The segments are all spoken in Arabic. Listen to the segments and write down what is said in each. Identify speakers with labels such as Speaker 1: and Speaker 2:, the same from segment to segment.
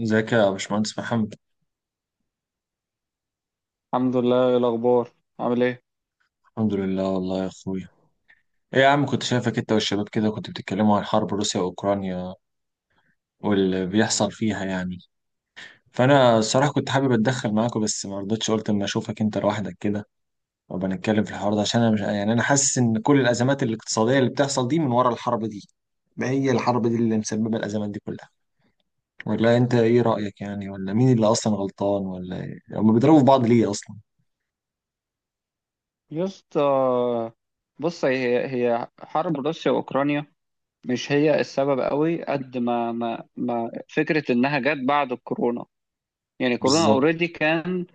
Speaker 1: ازيك يا باشمهندس محمد؟
Speaker 2: الحمد لله، إيه الأخبار؟ عامل إيه؟
Speaker 1: الحمد لله والله يا اخويا. ايه يا عم، كنت شايفك انت والشباب كده كنت بتتكلموا عن حرب روسيا واوكرانيا واللي بيحصل فيها يعني. فانا الصراحه كنت حابب اتدخل معاكم بس ما رضيتش، قلت اما اشوفك انت لوحدك كده وابقى نتكلم في الحوار ده، عشان انا مش يعني انا حاسس ان كل الازمات الاقتصاديه اللي بتحصل دي من ورا الحرب دي. ما هي الحرب دي اللي مسببه الازمات دي كلها، ولا انت ايه رايك يعني؟ ولا مين اللي اصلا غلطان؟ ولا ايه هم بيضربوا في بعض ليه اصلا؟
Speaker 2: يا اسطى، بص هي حرب روسيا وأوكرانيا، مش هي السبب قوي قد ما فكرة إنها جت بعد الكورونا. يعني كورونا
Speaker 1: بالظبط.
Speaker 2: أوريدي كان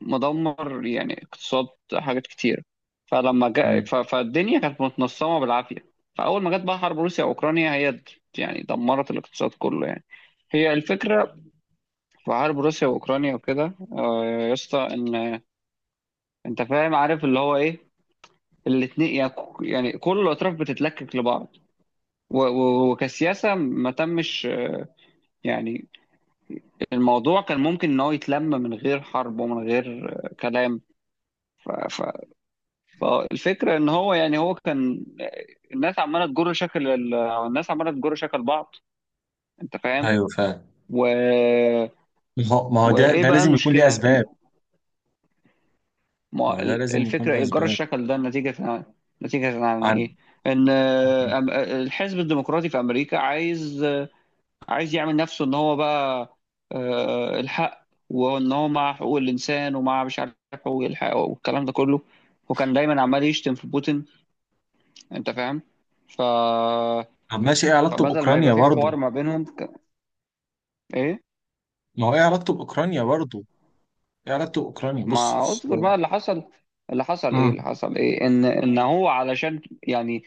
Speaker 2: مدمر، يعني اقتصاد حاجات كتير. فلما جاء،
Speaker 1: مم.
Speaker 2: فالدنيا كانت متنصمة بالعافية. فأول ما جت بقى حرب روسيا وأوكرانيا، يعني دمرت الاقتصاد كله يعني. هي الفكرة في حرب روسيا وأوكرانيا وكده، يا اسطى، إن انت فاهم عارف اللي هو ايه الاثنين يعني. يعني كل الاطراف بتتلكك لبعض، وكسياسه ما تمش يعني. الموضوع كان ممكن ان هو يتلم من غير حرب ومن غير كلام. ف- ف- فالفكره ان هو يعني هو كان. الناس عماله تجر شكل الناس عماله تجر شكل بعض، انت فاهم.
Speaker 1: ايوه فعلا.
Speaker 2: و...
Speaker 1: ما هو ده
Speaker 2: وايه
Speaker 1: ده
Speaker 2: بقى
Speaker 1: لازم يكون ليه
Speaker 2: المشكله؟
Speaker 1: اسباب. ما هو ده لازم يكون
Speaker 2: الفكره
Speaker 1: ليه
Speaker 2: ايه جر
Speaker 1: اسباب
Speaker 2: الشكل ده؟ نتيجه نتيجه عن
Speaker 1: عن.
Speaker 2: ايه؟ ان الحزب الديمقراطي في امريكا عايز يعمل نفسه ان هو بقى، الحق، وان هو مع حقوق الانسان ومع مش عارف حقوق الحق والكلام ده كله. وكان دايما عمال يشتم في بوتين، انت فاهم. ف
Speaker 1: طب ماشي، ايه علاقته
Speaker 2: فبدل ما يبقى
Speaker 1: باوكرانيا
Speaker 2: في
Speaker 1: برضو؟
Speaker 2: حوار ما بينهم ايه.
Speaker 1: ما هو ايه علاقته باوكرانيا برضو؟ ايه علاقته باوكرانيا
Speaker 2: ما
Speaker 1: بص.
Speaker 2: اصبر بقى اللي حصل، اللي
Speaker 1: امم
Speaker 2: حصل ايه؟ ان هو علشان يعني.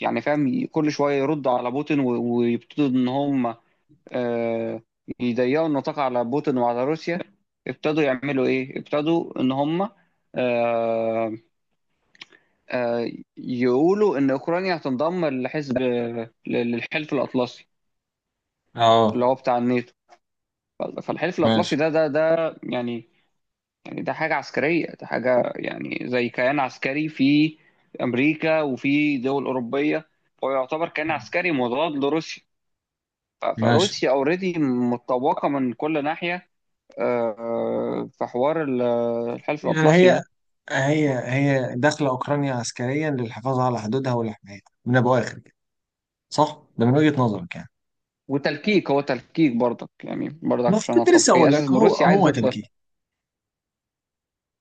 Speaker 2: يعني فاهم، كل شويه يرد على بوتين ويبتدوا ان هم، آه، يضيقوا النطاق على بوتين وعلى روسيا. ابتدوا يعملوا ايه؟ ابتدوا ان هم، آه، آه، يقولوا ان اوكرانيا هتنضم لحزب، للحلف الاطلسي، اللي
Speaker 1: اه،
Speaker 2: هو بتاع الناتو. فالحلف الاطلسي
Speaker 1: ماشي
Speaker 2: ده، يعني يعني ده حاجه عسكريه، ده حاجه يعني زي كيان عسكري في امريكا وفي دول اوروبيه. هو يعتبر كيان عسكري مضاد لروسيا.
Speaker 1: ماشي
Speaker 2: فروسيا اوريدي متطوقه من كل ناحيه. في حوار الحلف
Speaker 1: يعني،
Speaker 2: الأطلسي
Speaker 1: هي
Speaker 2: ده.
Speaker 1: هي هي داخله اوكرانيا عسكريا للحفاظ على حدودها والحمايه من ابو اخر كده، صح؟ ده من وجهه نظرك يعني.
Speaker 2: وتلكيك، هو تلكيك برضك، يعني برضك
Speaker 1: ما
Speaker 2: عشان
Speaker 1: كنت
Speaker 2: اتفق
Speaker 1: لسه
Speaker 2: هي
Speaker 1: اقول لك،
Speaker 2: اساس ان
Speaker 1: هو
Speaker 2: روسيا عايز
Speaker 1: هو
Speaker 2: تدخل.
Speaker 1: تلكيك.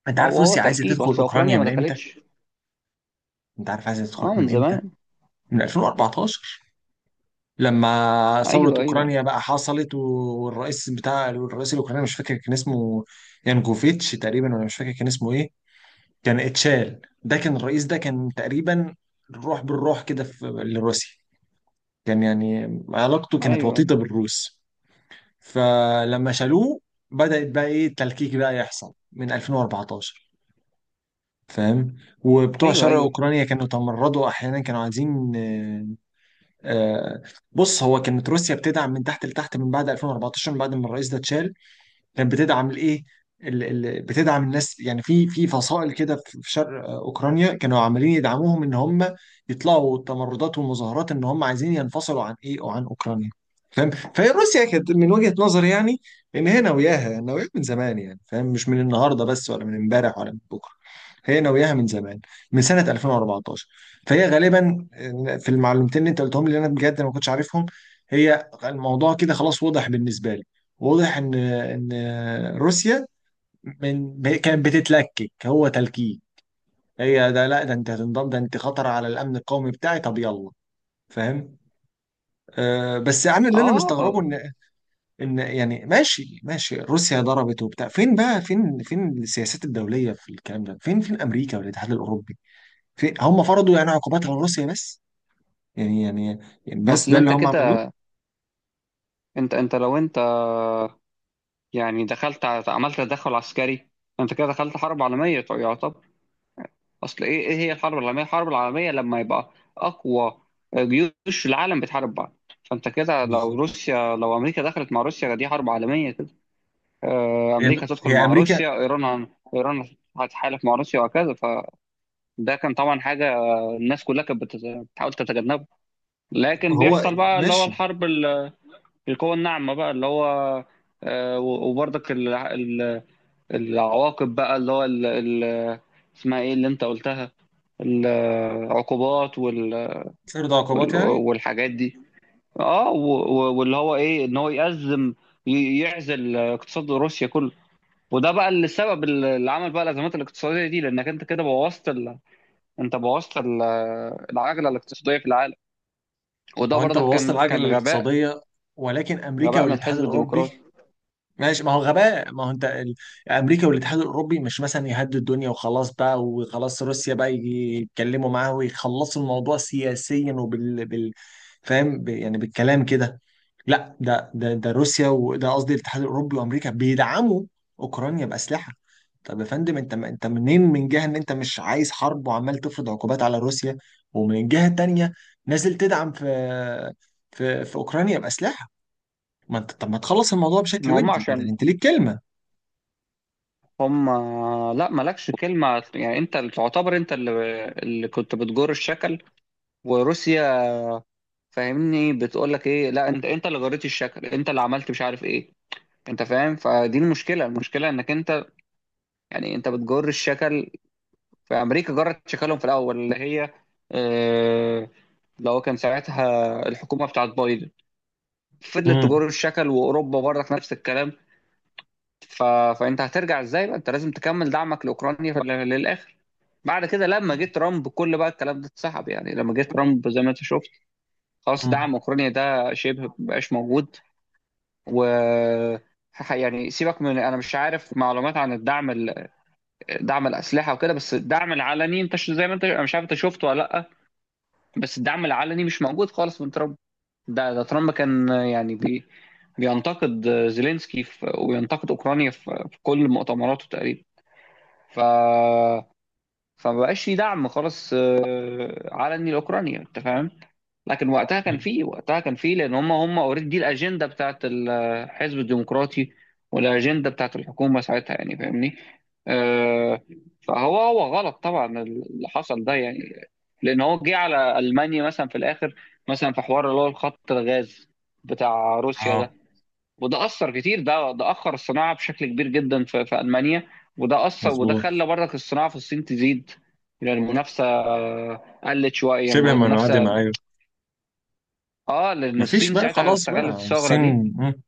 Speaker 1: انت
Speaker 2: ما
Speaker 1: عارف
Speaker 2: هو
Speaker 1: روسيا عايزه
Speaker 2: تلكيك،
Speaker 1: تدخل
Speaker 2: اصل اوكرانيا
Speaker 1: اوكرانيا
Speaker 2: ما
Speaker 1: من امتى؟
Speaker 2: دخلتش.
Speaker 1: انت عارف عايزه تدخل
Speaker 2: اه، من
Speaker 1: من امتى؟
Speaker 2: زمان.
Speaker 1: من 2014، لما ثورة
Speaker 2: ايوه، ايوه،
Speaker 1: أوكرانيا بقى حصلت، والرئيس بتاع الرئيس الأوكراني مش فاكر كان اسمه، يانكوفيتش تقريبا، ولا مش فاكر كان اسمه إيه. كان اتشال، ده كان الرئيس، ده كان تقريبا الروح بالروح كده في لروسيا، كان يعني علاقته كانت
Speaker 2: ايوه،
Speaker 1: وطيدة بالروس. فلما شالوه بدأت بقى إيه التلكيك بقى يحصل من 2014. فاهم، وبتوع
Speaker 2: ايوه،
Speaker 1: شرق
Speaker 2: ايوه.
Speaker 1: أوكرانيا كانوا تمردوا، أحيانا كانوا عايزين. آه، بص، هو كانت روسيا بتدعم من تحت لتحت من بعد 2014، من بعد ما الرئيس ده اتشال. كانت بتدعم الايه، بتدعم الناس، يعني في فصائل كده في شرق اوكرانيا، كانوا عمالين يدعموهم ان هم يطلعوا تمردات ومظاهرات ان هم عايزين ينفصلوا عن ايه، وعن اوكرانيا. فاهم، فهي روسيا كانت من وجهة نظري يعني ان هي ناوياها ناوياها من زمان، يعني، فاهم، مش من النهارده بس ولا من امبارح ولا من بكره، هي ناوياها من زمان، من سنة 2014. فهي غالبا في المعلومتين اللي انت قلتهم لي انا بجد ما كنتش عارفهم. هي الموضوع كده خلاص واضح بالنسبة لي، واضح ان روسيا كانت بتتلكك، هو تلكيك. هي ده لا، ده انت هتنضم، ده انت خطر على الامن القومي بتاعي، طب يلا. فاهم. آه، بس انا اللي انا
Speaker 2: اه.
Speaker 1: مستغربه،
Speaker 2: آه.
Speaker 1: ان، ان يعني ماشي ماشي، روسيا ضربت وبتاع، فين بقى؟ فين فين السياسات الدوليه في الكلام ده؟ فين فين امريكا والاتحاد الاوروبي؟ فين هم؟ فرضوا يعني عقوبات على روسيا بس، يعني يعني يعني
Speaker 2: ما
Speaker 1: بس
Speaker 2: اصل
Speaker 1: ده اللي
Speaker 2: انت
Speaker 1: هم
Speaker 2: كده.
Speaker 1: عملوه.
Speaker 2: انت انت لو انت يعني دخلت، عملت تدخل عسكري، انت كده دخلت حرب عالميه يعتبر. اصل، ايه هي الحرب العالميه؟ الحرب العالميه لما يبقى اقوى جيوش العالم بتحارب بعض. فانت كده، لو
Speaker 1: بالظبط.
Speaker 2: روسيا، لو امريكا دخلت مع روسيا، دي حرب عالميه كده.
Speaker 1: هي
Speaker 2: امريكا تدخل
Speaker 1: هي
Speaker 2: مع
Speaker 1: امريكا.
Speaker 2: روسيا، ايران ايران هتحالف مع روسيا وهكذا. فده كان طبعا حاجه الناس كلها كانت بتحاول تتجنبه. لكن
Speaker 1: هو
Speaker 2: بيحصل بقى اللي هو
Speaker 1: ماشي.
Speaker 2: الحرب القوى الناعمه بقى اللي هو، وبرضك العواقب بقى اللي هو اسمها ايه اللي انت قلتها؟ العقوبات
Speaker 1: فرض عقوبات يعني.
Speaker 2: والحاجات دي. اه، واللي هو ايه ان هو يأزم، يعزل اقتصاد روسيا كله. وده بقى اللي السبب اللي عمل بقى الازمات الاقتصاديه دي، لانك انت كده بوظت انت بوظت العجله الاقتصاديه في العالم.
Speaker 1: ما
Speaker 2: وده
Speaker 1: هو انت
Speaker 2: برضك
Speaker 1: بوظت
Speaker 2: كان
Speaker 1: العجله
Speaker 2: كان غباء،
Speaker 1: الاقتصاديه، ولكن امريكا
Speaker 2: غباء من
Speaker 1: والاتحاد
Speaker 2: الحزب
Speaker 1: الاوروبي.
Speaker 2: الديمقراطي.
Speaker 1: ماشي، ما هو غباء، ما هو امريكا والاتحاد الاوروبي مش مثلا يهدوا الدنيا وخلاص بقى، وخلاص روسيا بقى يجي يتكلموا معاه ويخلصوا الموضوع سياسيا وبال بال، فاهم، يعني بالكلام كده. لا، ده روسيا، وده قصدي الاتحاد الاوروبي وامريكا بيدعموا اوكرانيا باسلحه. طب يا فندم، انت منين من جهه ان انت مش عايز حرب وعمال تفرض عقوبات على روسيا، ومن جهه تانية نازل تدعم في في اوكرانيا باسلحه. ما انت طب ما تخلص الموضوع بشكل
Speaker 2: ما هم
Speaker 1: ودي، بدل
Speaker 2: عشان
Speaker 1: انت ليك كلمه.
Speaker 2: هم. لا، مالكش كلمه يعني. انت اللي تعتبر، انت اللي كنت بتجر الشكل وروسيا. فاهمني؟ بتقول لك ايه؟ لا، انت اللي جريت الشكل، انت اللي عملت مش عارف ايه. انت فاهم؟ فدي المشكله، المشكله انك انت، يعني انت بتجر الشكل. في امريكا جرت شكلهم في الاول، اللي هي آه، اللي هو كان ساعتها الحكومه بتاعت بايدن، فضلت
Speaker 1: امم
Speaker 2: تجر الشكل، واوروبا برضك نفس الكلام. ف... فانت هترجع ازاي بقى؟ انت لازم تكمل دعمك لاوكرانيا للاخر. بعد كده لما جه ترامب كل بقى الكلام ده اتسحب، يعني لما جه ترامب زي ما انت شفت، خلاص
Speaker 1: امم
Speaker 2: دعم اوكرانيا ده شبه مبقاش موجود. و يعني سيبك من انا مش عارف معلومات عن الدعم، دعم الاسلحه وكده، بس الدعم العلني انت زي ما انت، انا مش عارف انت شفته ولا لا. بس الدعم العلني مش موجود خالص من ترامب. ده ترامب كان يعني بينتقد زيلينسكي في، وينتقد اوكرانيا في كل مؤتمراته تقريبا. ف فمبقاش في دعم خالص علني لاوكرانيا، انت فاهم. لكن وقتها كان فيه، لان هم اوريدي دي الاجنده بتاعت الحزب الديمقراطي والاجنده بتاعت الحكومه ساعتها، يعني فاهمني. آه، فهو غلط طبعا اللي حصل ده يعني، لان هو جه على المانيا مثلا في الاخر، مثلا في حوار اللي هو الخط الغاز بتاع روسيا
Speaker 1: اه،
Speaker 2: ده. وده اثر كتير، ده اخر الصناعه بشكل كبير جدا في المانيا. وده اثر، وده
Speaker 1: مظبوط.
Speaker 2: خلى برضك الصناعه في الصين تزيد، يعني المنافسه قلت شويه
Speaker 1: شبه منعدم،
Speaker 2: المنافسه.
Speaker 1: ايوه.
Speaker 2: اه، لان
Speaker 1: مفيش
Speaker 2: الصين
Speaker 1: بقى،
Speaker 2: ساعتها
Speaker 1: خلاص بقى الصين.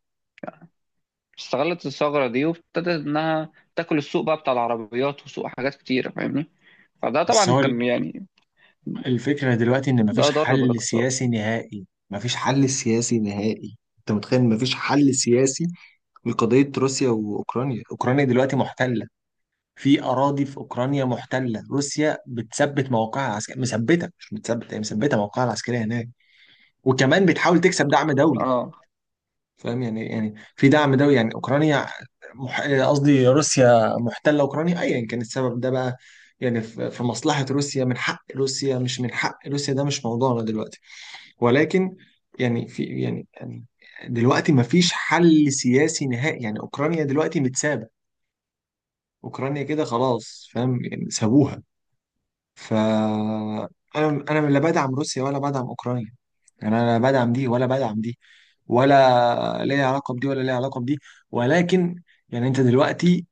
Speaker 2: استغلت الثغره دي وابتدت انها تاكل السوق بقى بتاع العربيات وسوق حاجات كتيره، فاهمني. فده
Speaker 1: بس
Speaker 2: طبعا
Speaker 1: هو
Speaker 2: كان يعني،
Speaker 1: الفكرة دلوقتي إن
Speaker 2: ده
Speaker 1: مفيش
Speaker 2: ضر
Speaker 1: حل
Speaker 2: بالاقتصاد.
Speaker 1: سياسي نهائي، مفيش حل سياسي نهائي، أنت متخيل؟ مفيش حل سياسي لقضية روسيا وأوكرانيا. أوكرانيا دلوقتي محتلة في أراضي، في أوكرانيا محتلة، روسيا بتثبت موقعها العسكري، مثبتة، مش بتثبت، هي مثبتة موقعها العسكري هناك، وكمان بتحاول تكسب دعم دولي.
Speaker 2: اه
Speaker 1: فاهم يعني إيه؟ يعني في دعم دولي يعني، أوكرانيا قصدي روسيا محتلة أوكرانيا، أيا كان السبب ده بقى، يعني في في مصلحة روسيا، من حق روسيا مش من حق روسيا، ده مش موضوعنا دلوقتي. ولكن يعني في يعني يعني دلوقتي ما فيش حل سياسي نهائي، يعني اوكرانيا دلوقتي متسابه، اوكرانيا كده خلاص، فاهم، يعني سابوها. ف، انا لا بدعم روسيا ولا بدعم اوكرانيا، يعني انا لا بدعم دي ولا بدعم دي، ولا ليا علاقه بدي ولا ليا علاقه بدي، ولكن يعني انت دلوقتي،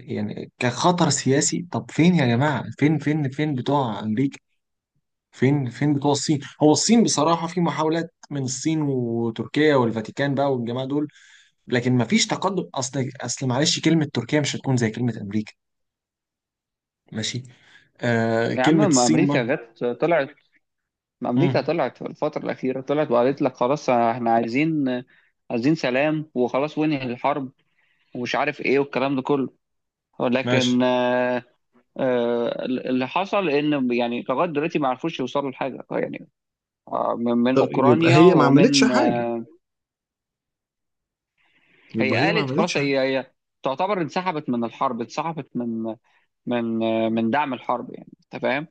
Speaker 1: يعني كخطر سياسي، طب فين يا جماعه؟ فين فين فين بتوع امريكا؟ فين فين بتوع الصين؟ هو الصين بصراحة في محاولات من الصين وتركيا والفاتيكان بقى والجماعة دول، لكن مفيش تقدم. اصل معلش، كلمة تركيا مش هتكون زي كلمة امريكا. ماشي. آه،
Speaker 2: يا عم،
Speaker 1: كلمة الصين برضه.
Speaker 2: ما امريكا
Speaker 1: مم،
Speaker 2: طلعت في الفتره الاخيره، طلعت وقالت لك خلاص احنا عايزين سلام وخلاص وانهي الحرب ومش عارف ايه والكلام ده كله.
Speaker 1: ماشي.
Speaker 2: ولكن اللي حصل ان يعني لغايه دلوقتي ما عرفوش يوصلوا لحاجه يعني، من
Speaker 1: طب يبقى
Speaker 2: اوكرانيا
Speaker 1: هي ما عملتش
Speaker 2: ومن،
Speaker 1: حاجة؟
Speaker 2: هي
Speaker 1: يبقى هي ما
Speaker 2: قالت خلاص،
Speaker 1: عملتش حاجة.
Speaker 2: هي تعتبر انسحبت من الحرب، انسحبت من من دعم الحرب، يعني انت فاهم.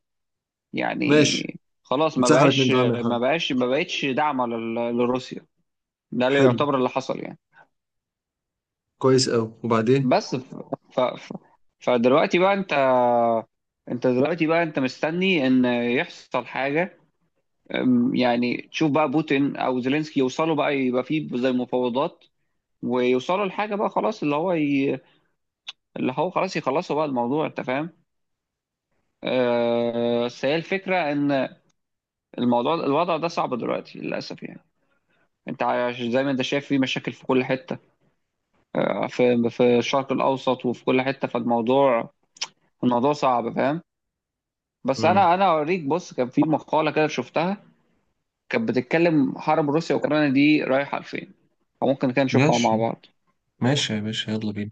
Speaker 1: ماشي،
Speaker 2: يعني خلاص،
Speaker 1: اتسحبت من دعم الحرب.
Speaker 2: ما بقتش دعم لروسيا. ده اللي
Speaker 1: حلو،
Speaker 2: يعتبر اللي حصل يعني.
Speaker 1: كويس أوي، وبعدين؟
Speaker 2: بس، ف... ف... فدلوقتي بقى انت انت دلوقتي بقى انت مستني ان يحصل حاجه. يعني تشوف بقى بوتين او زيلينسكي يوصلوا بقى يبقى فيه زي مفاوضات، ويوصلوا لحاجه بقى خلاص، اللي هو اللي هو خلاص يخلصوا بقى الموضوع، انت فاهم. بس هي الفكره ان الموضوع، الوضع ده صعب دلوقتي للاسف يعني. انت زي ما انت شايف في مشاكل في كل حته، في الشرق الاوسط وفي كل حته. الموضوع صعب، فاهم. بس
Speaker 1: مم.
Speaker 2: انا اوريك، بص كان في مقاله كده شفتها، كانت بتتكلم حرب روسيا واوكرانيا دي رايحه لفين، فممكن كده نشوفها مع
Speaker 1: ماشي.
Speaker 2: بعض.
Speaker 1: ماشي يا باشا، يلا بينا.